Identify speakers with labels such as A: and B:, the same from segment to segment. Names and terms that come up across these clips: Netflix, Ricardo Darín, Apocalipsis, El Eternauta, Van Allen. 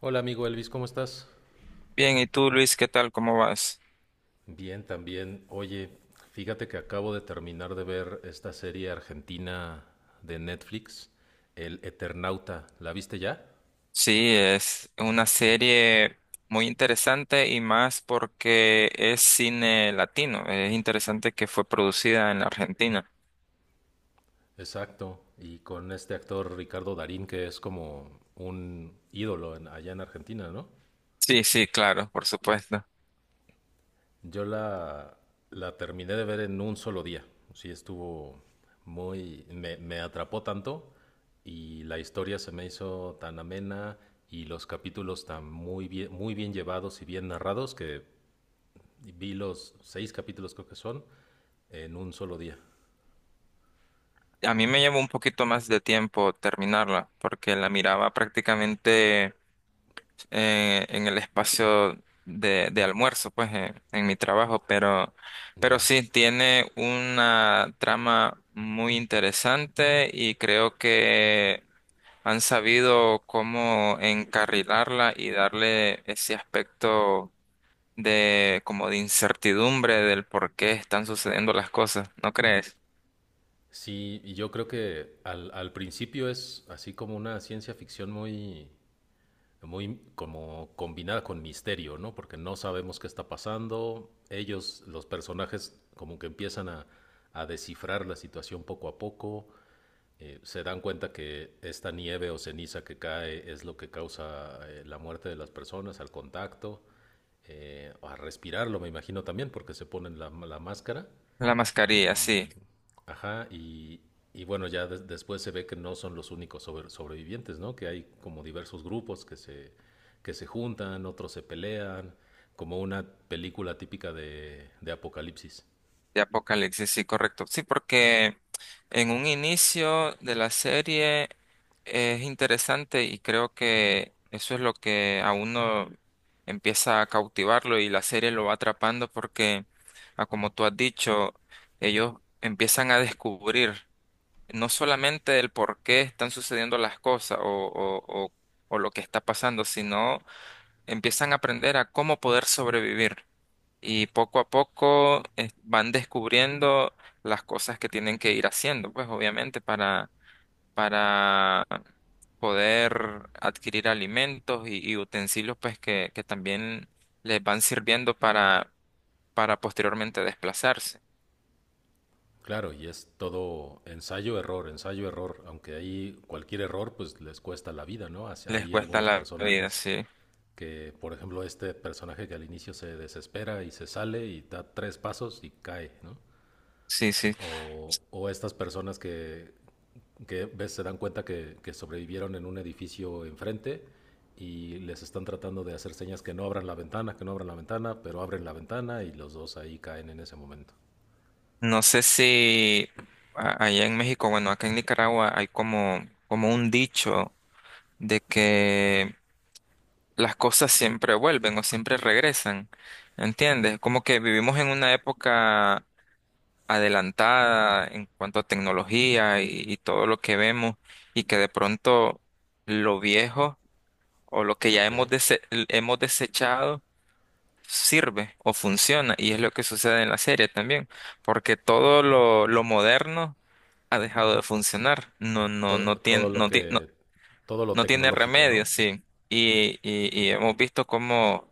A: Hola amigo Elvis, ¿cómo estás?
B: Bien, ¿y tú, Luis, qué tal? ¿Cómo vas?
A: Bien, también. Oye, fíjate que acabo de terminar de ver esta serie argentina de Netflix, El Eternauta. ¿La viste ya?
B: Sí, es una serie muy interesante y más porque es cine latino. Es interesante que fue producida en la Argentina.
A: Exacto. Y con este actor Ricardo Darín, que es como un ídolo allá en Argentina, ¿no?
B: Sí, sí, claro, por supuesto.
A: Yo la terminé de ver en un solo día. Sí, estuvo muy... Me atrapó tanto y la historia se me hizo tan amena y los capítulos tan muy bien llevados y bien narrados que vi los 6 capítulos creo que son en un solo día.
B: A mí me llevó un poquito más de tiempo terminarla porque la miraba prácticamente en el espacio de almuerzo, pues en mi trabajo, pero
A: Ya.
B: sí tiene una trama muy interesante y creo que han sabido cómo encarrilarla y darle ese aspecto de como de incertidumbre del por qué están sucediendo las cosas, ¿no crees?
A: Sí, y yo creo que al principio es así como una ciencia ficción muy, muy como combinada con misterio, ¿no? Porque no sabemos qué está pasando. Ellos, los personajes, como que empiezan a descifrar la situación poco a poco. Se dan cuenta que esta nieve o ceniza que cae es lo que causa la muerte de las personas al contacto, a respirarlo, me imagino también, porque se ponen la máscara.
B: La mascarilla, sí.
A: Y. Ajá, y bueno, ya después se ve que no son los únicos sobrevivientes, ¿no? Que hay como diversos grupos que se juntan, otros se pelean, como una película típica de apocalipsis.
B: De Apocalipsis, sí, correcto. Sí, porque en un inicio de la serie es interesante y creo que eso es lo que a uno empieza a cautivarlo y la serie lo va atrapando porque, ah, como tú has dicho, ellos empiezan a descubrir no solamente el por qué están sucediendo las cosas o o lo que está pasando, sino empiezan a aprender a cómo poder sobrevivir y poco a poco van descubriendo las cosas que tienen que ir haciendo, pues obviamente para poder adquirir alimentos y utensilios pues que también les van sirviendo para posteriormente desplazarse.
A: Claro, y es todo ensayo-error, ensayo-error, aunque ahí cualquier error pues les cuesta la vida, ¿no? Así-
B: Les
A: Hay
B: cuesta
A: algunos
B: la vida,
A: personajes
B: sí,
A: que, por ejemplo, este personaje que al inicio se desespera y se sale y da 3 pasos y cae, ¿no?
B: sí, sí.
A: O estas personas que ves, se dan cuenta que sobrevivieron en un edificio enfrente y les están tratando de hacer señas que no abran la ventana, que no abran la ventana, pero abren la ventana y los dos ahí caen en ese momento.
B: No sé si allá en México, bueno, acá en Nicaragua hay como, como un dicho de que las cosas siempre vuelven o siempre regresan, ¿entiendes? Como que vivimos en una época adelantada en cuanto a tecnología y todo lo que vemos y que de pronto lo viejo o lo que ya
A: Ok.
B: hemos, hemos desechado sirve o funciona y es lo que sucede en la serie también, porque todo lo moderno ha dejado de funcionar, no, no, no
A: Todo,
B: tiene,
A: todo lo que. Todo lo
B: no tiene
A: tecnológico,
B: remedio,
A: ¿no?
B: sí. Y hemos visto cómo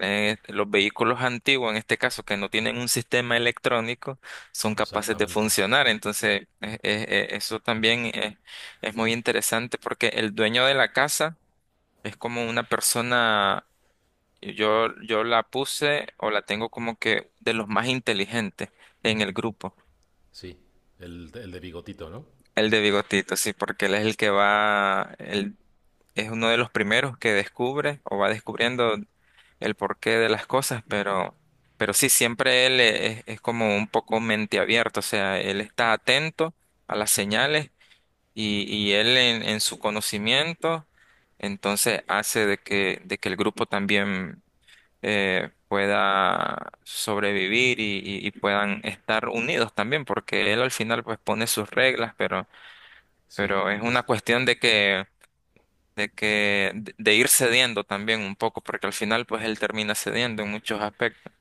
B: los vehículos antiguos, en este caso, que no tienen un sistema electrónico, son capaces de
A: Exactamente.
B: funcionar. Entonces, eso también es muy interesante porque el dueño de la casa es como una persona, yo la puse o la tengo como que de los más inteligentes en el grupo.
A: Sí. El de bigotito, ¿no?
B: El de bigotito, sí, porque él es el que va, el, es uno de los primeros que descubre o va descubriendo el porqué de las cosas, pero sí, siempre él es como un poco mente abierta, o sea, él está atento a las señales y él en su conocimiento, entonces hace de que el grupo también pueda sobrevivir y puedan estar unidos también, porque él al final pues pone sus reglas,
A: Sí.
B: pero es una
A: Es,
B: cuestión de que de que de ir cediendo también un poco, porque al final pues él termina cediendo en muchos aspectos.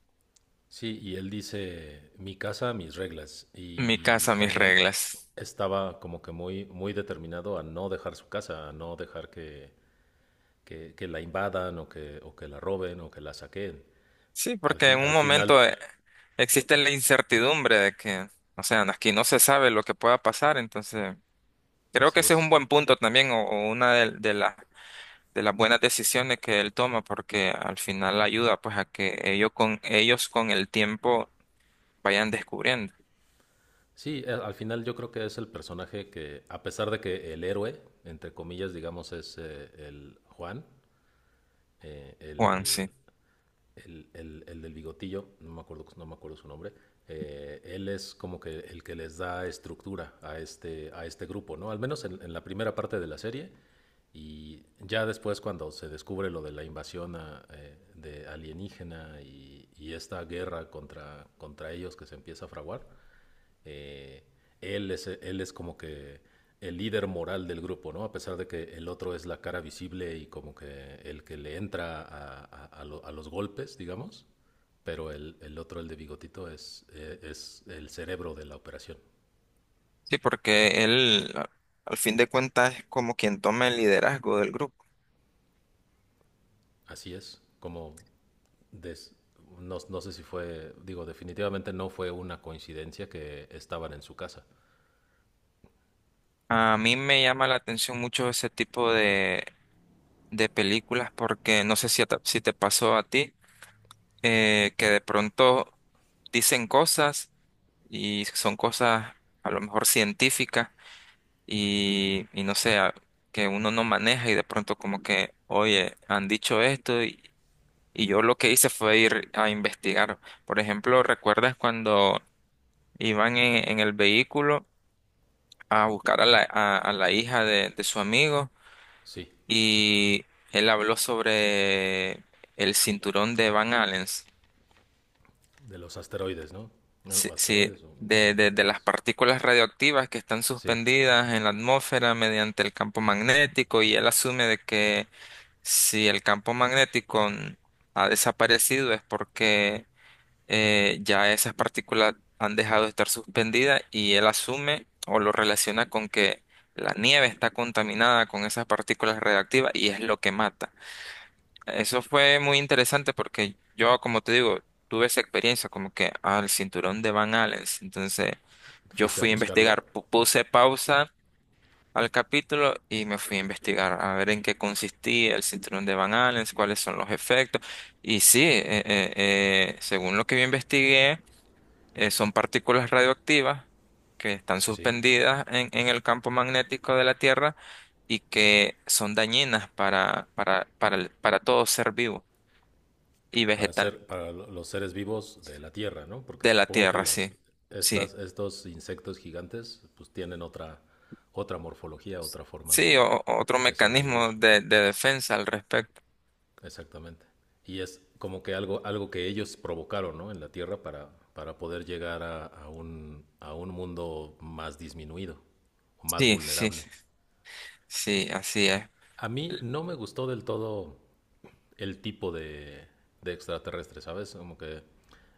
A: sí, y él dice, mi casa, mis reglas.
B: Mi
A: Y
B: casa, mis
A: también
B: reglas.
A: estaba como que muy, muy determinado a no dejar su casa, a no dejar que, que la invadan o que la roben o que la saquen.
B: Sí, porque en un
A: Al
B: momento
A: final,
B: existe la incertidumbre de que, o sea, aquí no se sabe lo que pueda pasar, entonces creo que
A: así
B: ese es un
A: es.
B: buen punto también o una de las buenas decisiones que él toma, porque al final ayuda pues a que ellos con el tiempo vayan descubriendo.
A: Sí, al final yo creo que es el personaje que, a pesar de que el héroe, entre comillas, digamos, es el Juan, eh,
B: Juan,
A: el,
B: sí.
A: el del bigotillo, no me acuerdo, no me acuerdo su nombre, él es como que el que les da estructura a este grupo, ¿no? Al menos en la primera parte de la serie. Y ya después cuando se descubre lo de la invasión a, de alienígena y esta guerra contra, contra ellos que se empieza a fraguar, eh, él es como que el líder moral del grupo, ¿no? A pesar de que el otro es la cara visible y como que el que le entra a, a los golpes, digamos, pero el otro, el de bigotito, es el cerebro de la operación.
B: Sí, porque él, al fin de cuentas, es como quien toma el liderazgo del grupo.
A: Así es, como des- no, no sé si fue, digo, definitivamente no fue una coincidencia que estaban en su casa.
B: A mí me llama la atención mucho ese tipo de películas porque no sé si, si te pasó a ti, que de pronto dicen cosas y son cosas a lo mejor científicas y no sé, que uno no maneja y de pronto como que, oye, han dicho esto y yo lo que hice fue ir a investigar. Por ejemplo, ¿recuerdas cuando iban en el vehículo a buscar a la hija de su amigo
A: Sí,
B: y él habló sobre el cinturón de Van Allen,
A: de los asteroides, ¿no?
B: sí,
A: Bueno,
B: sí,
A: asteroides o
B: de las
A: estrellas.
B: partículas radioactivas que están
A: Sí,
B: suspendidas en la atmósfera mediante el campo magnético y él asume de que si el campo magnético ha desaparecido es porque ya esas partículas han dejado de estar suspendidas y él asume o lo relaciona con que la nieve está contaminada con esas partículas radiactivas y es lo que mata. Eso fue muy interesante porque yo, como te digo, tuve esa experiencia como que al cinturón de Van Allen. Entonces yo
A: ¿fuiste a
B: fui a
A: buscarlo?
B: investigar, puse pausa al capítulo y me fui a investigar a ver en qué consistía el cinturón de Van Allen, cuáles son los efectos. Y sí, según lo que yo investigué, son partículas radioactivas que están
A: Sí,
B: suspendidas en el campo magnético de la Tierra y que son dañinas para, para todo ser vivo y
A: para
B: vegetal
A: ser, para los seres vivos de la Tierra, ¿no? Porque
B: de la
A: supongo que
B: Tierra,
A: las,
B: sí. Sí,
A: estas, estos insectos gigantes, pues tienen otra, otra morfología, otra forma
B: sí, otro
A: de
B: mecanismo
A: sobrevivir.
B: de defensa al respecto.
A: Exactamente. Y es como que algo, algo que ellos provocaron, ¿no? En la Tierra para poder llegar a un mundo más disminuido o más
B: Sí, sí,
A: vulnerable.
B: sí, así es.
A: A mí no me gustó del todo el tipo de extraterrestre, ¿sabes? Como que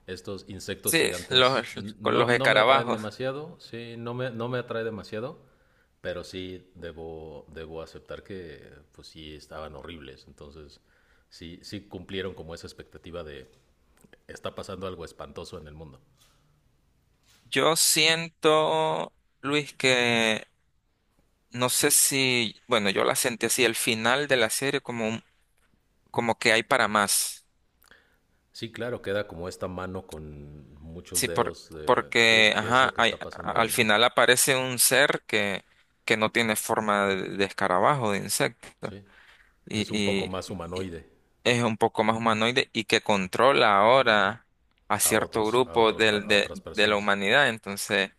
A: estos insectos
B: Sí,
A: gigantes
B: los, con los
A: no, no me atraen
B: escarabajos.
A: demasiado, sí, no me, no me atrae demasiado, pero sí debo, debo aceptar que pues sí estaban horribles, entonces sí, sí cumplieron como esa expectativa de está pasando algo espantoso en el mundo.
B: Yo siento, Luis, que no sé si, bueno, yo la sentí así, el final de la serie como un, como que hay para más.
A: Sí, claro, queda como esta mano con muchos
B: Sí, por,
A: dedos de
B: porque,
A: qué, qué es lo
B: ajá,
A: que está pasando ahí,
B: al
A: ¿no?
B: final aparece un ser que no tiene forma de escarabajo, de insecto,
A: Sí.
B: y,
A: Es un poco
B: y-
A: más
B: y
A: humanoide
B: es un poco más humanoide y que controla ahora a
A: a
B: cierto
A: otros, a
B: grupo
A: otros, a otras
B: de la
A: personas.
B: humanidad. Entonces,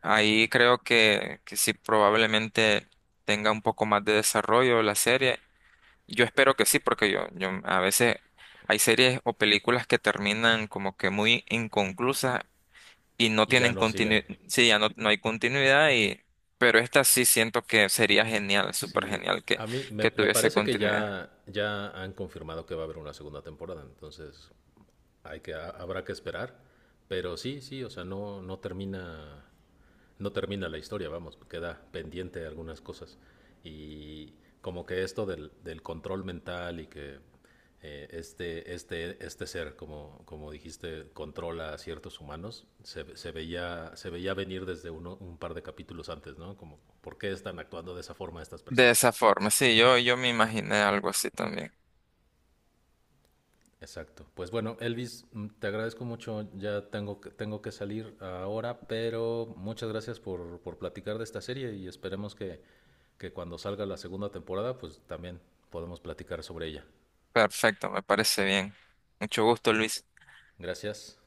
B: ahí creo que sí, probablemente tenga un poco más de desarrollo la serie. Yo espero que sí, porque yo a veces hay series o películas que terminan como que muy inconclusas y no
A: Y ya
B: tienen
A: no siguen.
B: continuidad, sí, ya no, no hay continuidad y, pero esta sí siento que sería genial, súper
A: Sí,
B: genial
A: a mí me,
B: que
A: me
B: tuviese
A: parece que
B: continuidad.
A: ya, ya han confirmado que va a haber una segunda temporada, entonces hay que, habrá que esperar. Pero sí, sí, o sea, no, no termina, no termina la historia, vamos, queda pendiente algunas cosas. Y como que esto del, del control mental y que este ser, como, como dijiste, controla a ciertos humanos, se veía venir desde uno, un par de capítulos antes, ¿no? Como, ¿por qué están actuando de esa forma estas
B: De
A: personas?
B: esa forma, sí, yo me imaginé algo así también.
A: Exacto. Pues bueno, Elvis, te agradezco mucho. Ya tengo que salir ahora, pero muchas gracias por platicar de esta serie y esperemos que cuando salga la segunda temporada, pues también podemos platicar sobre ella.
B: Perfecto, me parece bien. Mucho gusto, Luis.
A: Gracias.